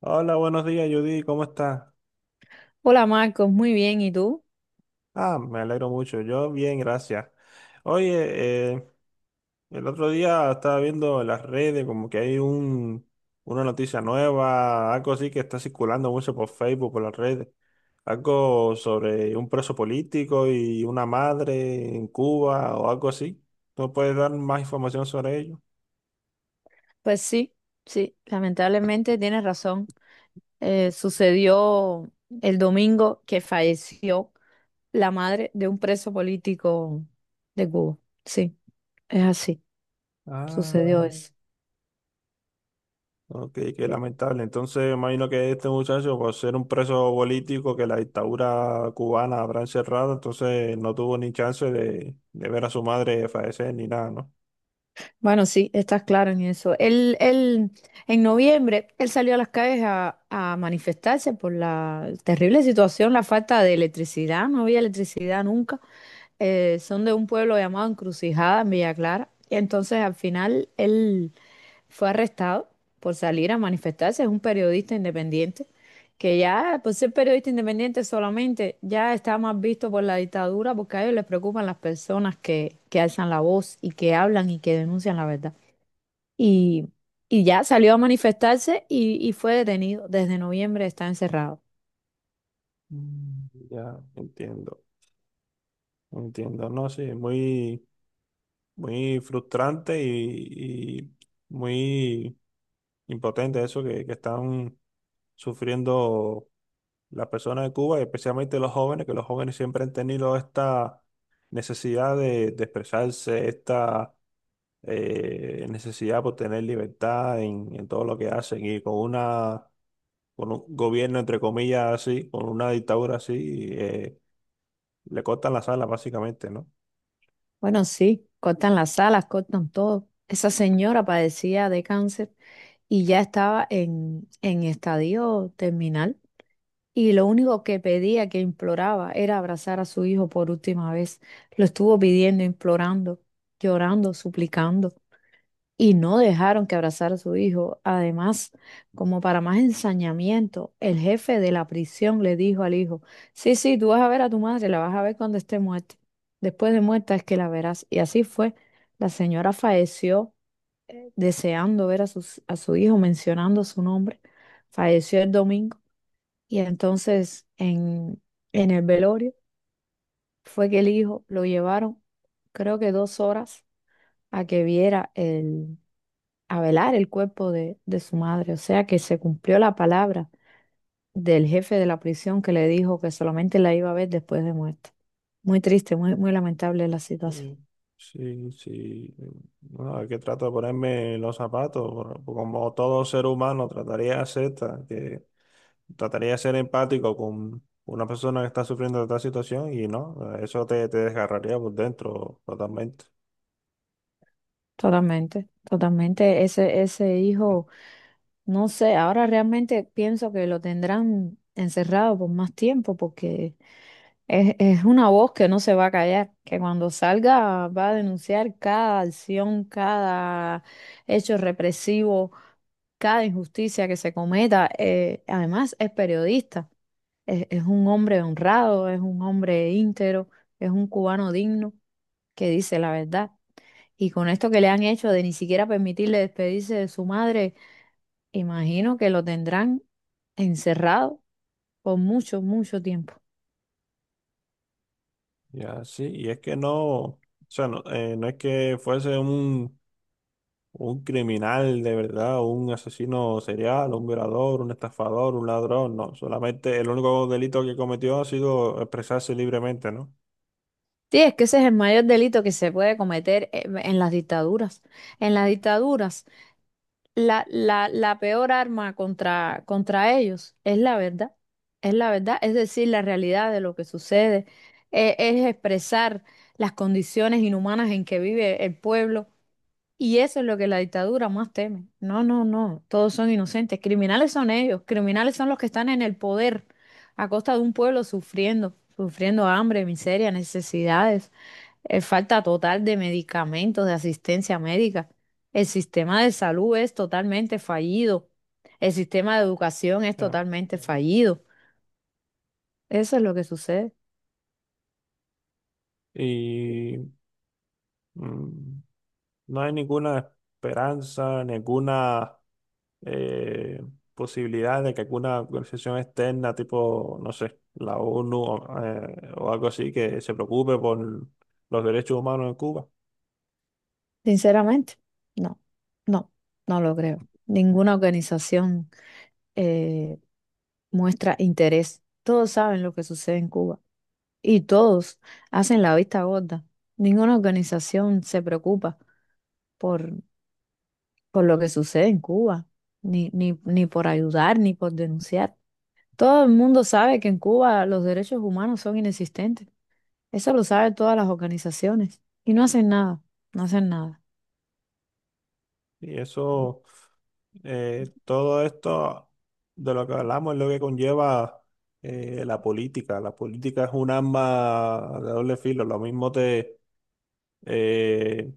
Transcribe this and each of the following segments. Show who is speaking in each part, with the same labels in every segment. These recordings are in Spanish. Speaker 1: Hola, buenos días, Judy, ¿cómo estás?
Speaker 2: Hola, Marcos, muy bien, ¿y tú?
Speaker 1: Ah, me alegro mucho, yo bien, gracias. Oye, el otro día estaba viendo en las redes como que hay una noticia nueva, algo así que está circulando mucho por Facebook, por las redes, algo sobre un preso político y una madre en Cuba o algo así. ¿No puedes dar más información sobre ello?
Speaker 2: Pues sí, sí, lamentablemente tienes razón. Sucedió el domingo que falleció la madre de un preso político de Cuba. Sí, es así, sucedió
Speaker 1: Ah.
Speaker 2: eso.
Speaker 1: Ok, qué lamentable. Entonces, imagino que este muchacho, por ser un preso político que la dictadura cubana habrá encerrado, entonces no tuvo ni chance de ver a su madre fallecer ni nada, ¿no?
Speaker 2: Bueno, sí, estás claro en eso. Él, en noviembre, él salió a las calles a manifestarse por la terrible situación, la falta de electricidad, no había electricidad nunca. Son de un pueblo llamado Encrucijada en Villa Clara. Y entonces al final él fue arrestado por salir a manifestarse. Es un periodista independiente, que ya por ser periodista independiente solamente ya está más visto por la dictadura porque a ellos les preocupan las personas que alzan la voz y que hablan y que denuncian la verdad. Y, y ya salió a manifestarse y fue detenido. Desde noviembre está encerrado.
Speaker 1: Mm. Ya, entiendo, entiendo, ¿no? Sí, muy, muy frustrante y muy impotente eso que están sufriendo las personas de Cuba, y especialmente los jóvenes, que los jóvenes siempre han tenido esta necesidad de expresarse, esta necesidad por tener libertad en todo lo que hacen y con una con un gobierno entre comillas así, con una dictadura así, le cortan las alas básicamente, ¿no?
Speaker 2: Bueno, sí, cortan las salas, cortan todo. Esa señora padecía de cáncer y ya estaba en estadio terminal. Y lo único que pedía, que imploraba, era abrazar a su hijo por última vez. Lo estuvo pidiendo, implorando, llorando, suplicando. Y no dejaron que abrazara a su hijo. Además, como para más ensañamiento, el jefe de la prisión le dijo al hijo, sí, sí, tú vas a ver a tu madre, la vas a ver cuando esté muerta. Después de muerta es que la verás. Y así fue. La señora falleció deseando ver a, a su hijo, mencionando su nombre. Falleció el domingo y entonces en el velorio fue que el hijo lo llevaron, creo que dos horas, a que viera a velar el cuerpo de su madre. O sea que se cumplió la palabra del jefe de la prisión que le dijo que solamente la iba a ver después de muerta. Muy triste, muy, muy lamentable la situación.
Speaker 1: Sí, sí, sí. Bueno, es que trato de ponerme los zapatos, por como todo ser humano trataría de hacer, que trataría de ser empático con una persona que está sufriendo de esta situación y no, eso te desgarraría por dentro totalmente.
Speaker 2: Totalmente, totalmente. Ese hijo. No sé, ahora realmente pienso que lo tendrán encerrado por más tiempo porque es una voz que no se va a callar, que cuando salga va a denunciar cada acción, cada hecho represivo, cada injusticia que se cometa. Además es periodista, es un hombre honrado, es un hombre íntero, es un cubano digno que dice la verdad. Y con esto que le han hecho de ni siquiera permitirle despedirse de su madre, imagino que lo tendrán encerrado por mucho, mucho tiempo.
Speaker 1: Ya, sí, y es que no, o sea, no, no es que fuese un criminal de verdad, un asesino serial, un violador, un estafador, un ladrón, no, solamente el único delito que cometió ha sido expresarse libremente, ¿no?
Speaker 2: Sí, es que ese es el mayor delito que se puede cometer en las dictaduras. En las dictaduras, la peor arma contra ellos es la verdad. Es la verdad, es decir, la realidad de lo que sucede. Es expresar las condiciones inhumanas en que vive el pueblo. Y eso es lo que la dictadura más teme. No, no, no, todos son inocentes. Criminales son ellos, criminales son los que están en el poder a costa de un pueblo sufriendo, sufriendo hambre, miseria, necesidades, falta total de medicamentos, de asistencia médica. El sistema de salud es totalmente fallido. El sistema de educación es
Speaker 1: Ya.
Speaker 2: totalmente fallido. Eso es lo que sucede.
Speaker 1: Y mm, no hay ninguna esperanza, ninguna eh, posibilidad de que alguna organización externa, tipo, no sé, la ONU o algo así, que se preocupe por los derechos humanos en Cuba.
Speaker 2: Sinceramente, no, no, no lo creo. Ninguna organización. eh, Muestra interés. Todos saben lo que sucede en Cuba y todos hacen la vista gorda. Ninguna organización se preocupa por, por lo que sucede en Cuba, ni por ayudar, ni por denunciar. Todo el mundo sabe que en Cuba los derechos humanos son inexistentes. Eso lo saben todas las organizaciones y no hacen nada, no hacen nada.
Speaker 1: Y eso, todo esto de lo que hablamos es lo que conlleva la política. La política es un arma de doble filo. Lo mismo te eh,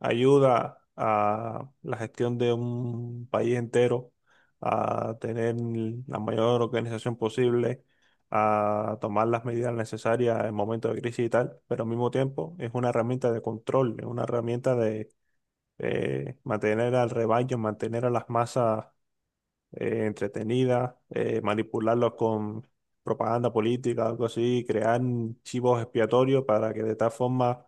Speaker 1: ayuda a la gestión de un país entero, a tener la mayor organización posible, a tomar las medidas necesarias en momentos de crisis y tal, pero al mismo tiempo es una herramienta de control, es una herramienta, mantener al rebaño, mantener a las masas entretenidas, manipularlos con propaganda política, algo así, crear chivos expiatorios para que de tal forma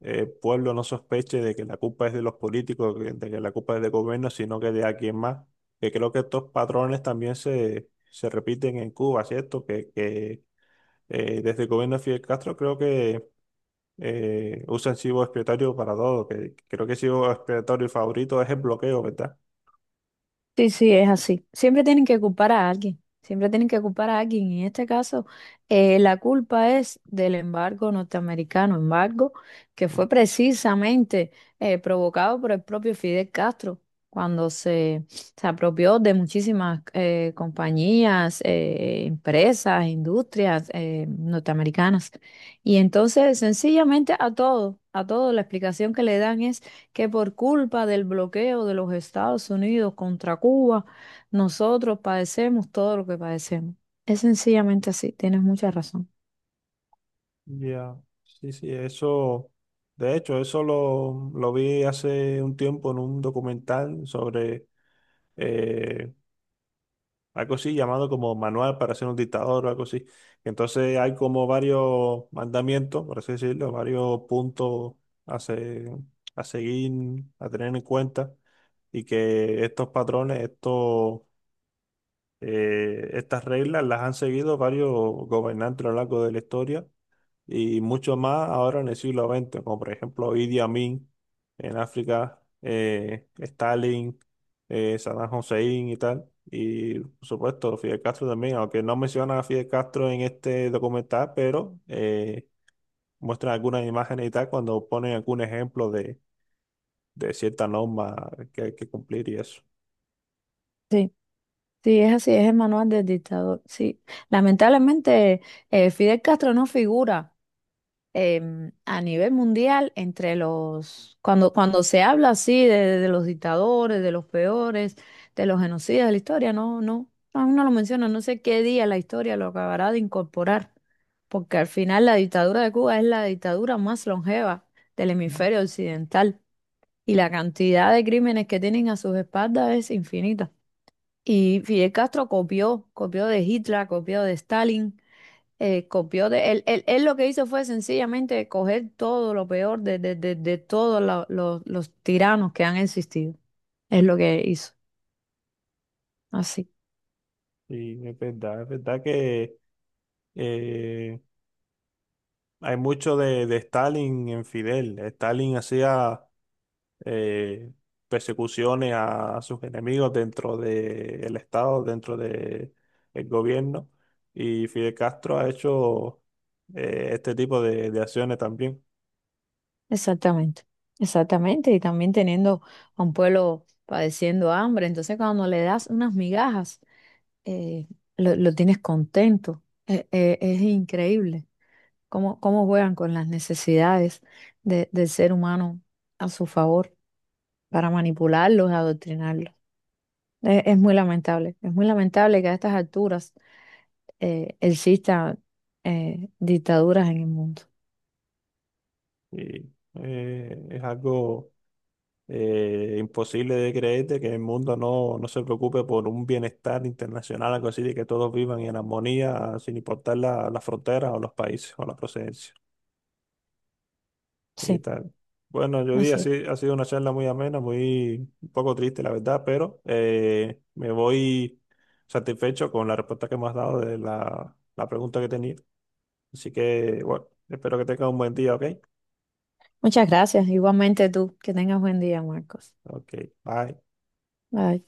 Speaker 1: el pueblo no sospeche de que la culpa es de los políticos, de que la culpa es del gobierno, sino que de alguien más. Que creo que estos patrones también se repiten en Cuba, ¿cierto? Que desde el gobierno de Fidel Castro creo que usan chivo expiatorio para todo, que creo que chivo expiatorio favorito es el bloqueo, ¿verdad?
Speaker 2: Sí, sí, es así. Siempre tienen que culpar a alguien, siempre tienen que culpar a alguien. Y en este caso, la culpa es del embargo norteamericano, embargo que
Speaker 1: Mm.
Speaker 2: fue precisamente provocado por el propio Fidel Castro, cuando se apropió de muchísimas compañías, empresas, industrias norteamericanas. Y entonces, sencillamente a todo, la explicación que le dan que por culpa del bloqueo de los Estados Unidos contra Cuba, nosotros padecemos todo lo que padecemos. Es sencillamente así, tienes mucha razón.
Speaker 1: Ya, sí, sí, eso, de hecho, eso lo vi hace un tiempo en un documental sobre eh, algo así llamado como manual para ser un dictador o algo así. Entonces hay como varios mandamientos, por así decirlo, varios puntos a, se- a seguir, a tener en cuenta y que estos patrones, estos estas reglas las han seguido varios gobernantes a lo largo de la historia y mucho más ahora en el siglo XX, como por ejemplo Idi Amin en África, Stalin, Saddam Hussein y tal. Y por supuesto Fidel Castro también, aunque no mencionan a Fidel Castro en este documental, pero muestran algunas imágenes y tal cuando ponen algún ejemplo de cierta norma que hay que cumplir y eso.
Speaker 2: Sí, sí, es así, es el manual del dictador. Sí, lamentablemente Fidel Castro no figura. A nivel mundial entre los, cuando se habla así de los dictadores, de los peores, de los genocidas de la historia, no, no, aún no lo menciona, no sé qué día la historia lo acabará de incorporar, porque al final la dictadura de Cuba es la dictadura más longeva del
Speaker 1: Mm.
Speaker 2: hemisferio occidental y la cantidad de crímenes que tienen a sus espaldas es infinita. Y Fidel Castro copió, copió de Hitler, copió de Stalin, copió de él, él lo que hizo fue sencillamente coger todo lo peor de todos los tiranos que han existido. Es lo que hizo. Así,
Speaker 1: Y es verdad que eh, hay mucho de Stalin en Fidel. Stalin hacía eh, persecuciones a sus enemigos dentro del Estado, dentro del gobierno. Y Fidel Castro ha hecho este tipo de acciones también.
Speaker 2: exactamente. Exactamente. Y también teniendo a un pueblo padeciendo hambre. Entonces, cuando le das unas migajas, eh, lo tienes contento. Es increíble cómo, cómo juegan con las necesidades del ser humano a su favor para manipularlos, adoctrinarlos. Es muy lamentable, es muy lamentable que a estas alturas existan dictaduras en el mundo.
Speaker 1: Y es algo imposible de creer de que el mundo no se preocupe por un bienestar internacional, algo así, de que todos vivan en armonía sin importar las fronteras o los países o la procedencia. Y
Speaker 2: Sí,
Speaker 1: tal. Bueno, yo di,
Speaker 2: así es.
Speaker 1: así ha sido una charla muy amena, muy un poco triste, la verdad, pero me voy satisfecho con la respuesta que me has dado de la pregunta que tenía. Así que, bueno, espero que tengas un buen día, ¿ok?
Speaker 2: Muchas gracias. Igualmente tú, que tengas buen día, Marcos.
Speaker 1: Ok, bye.
Speaker 2: Bye.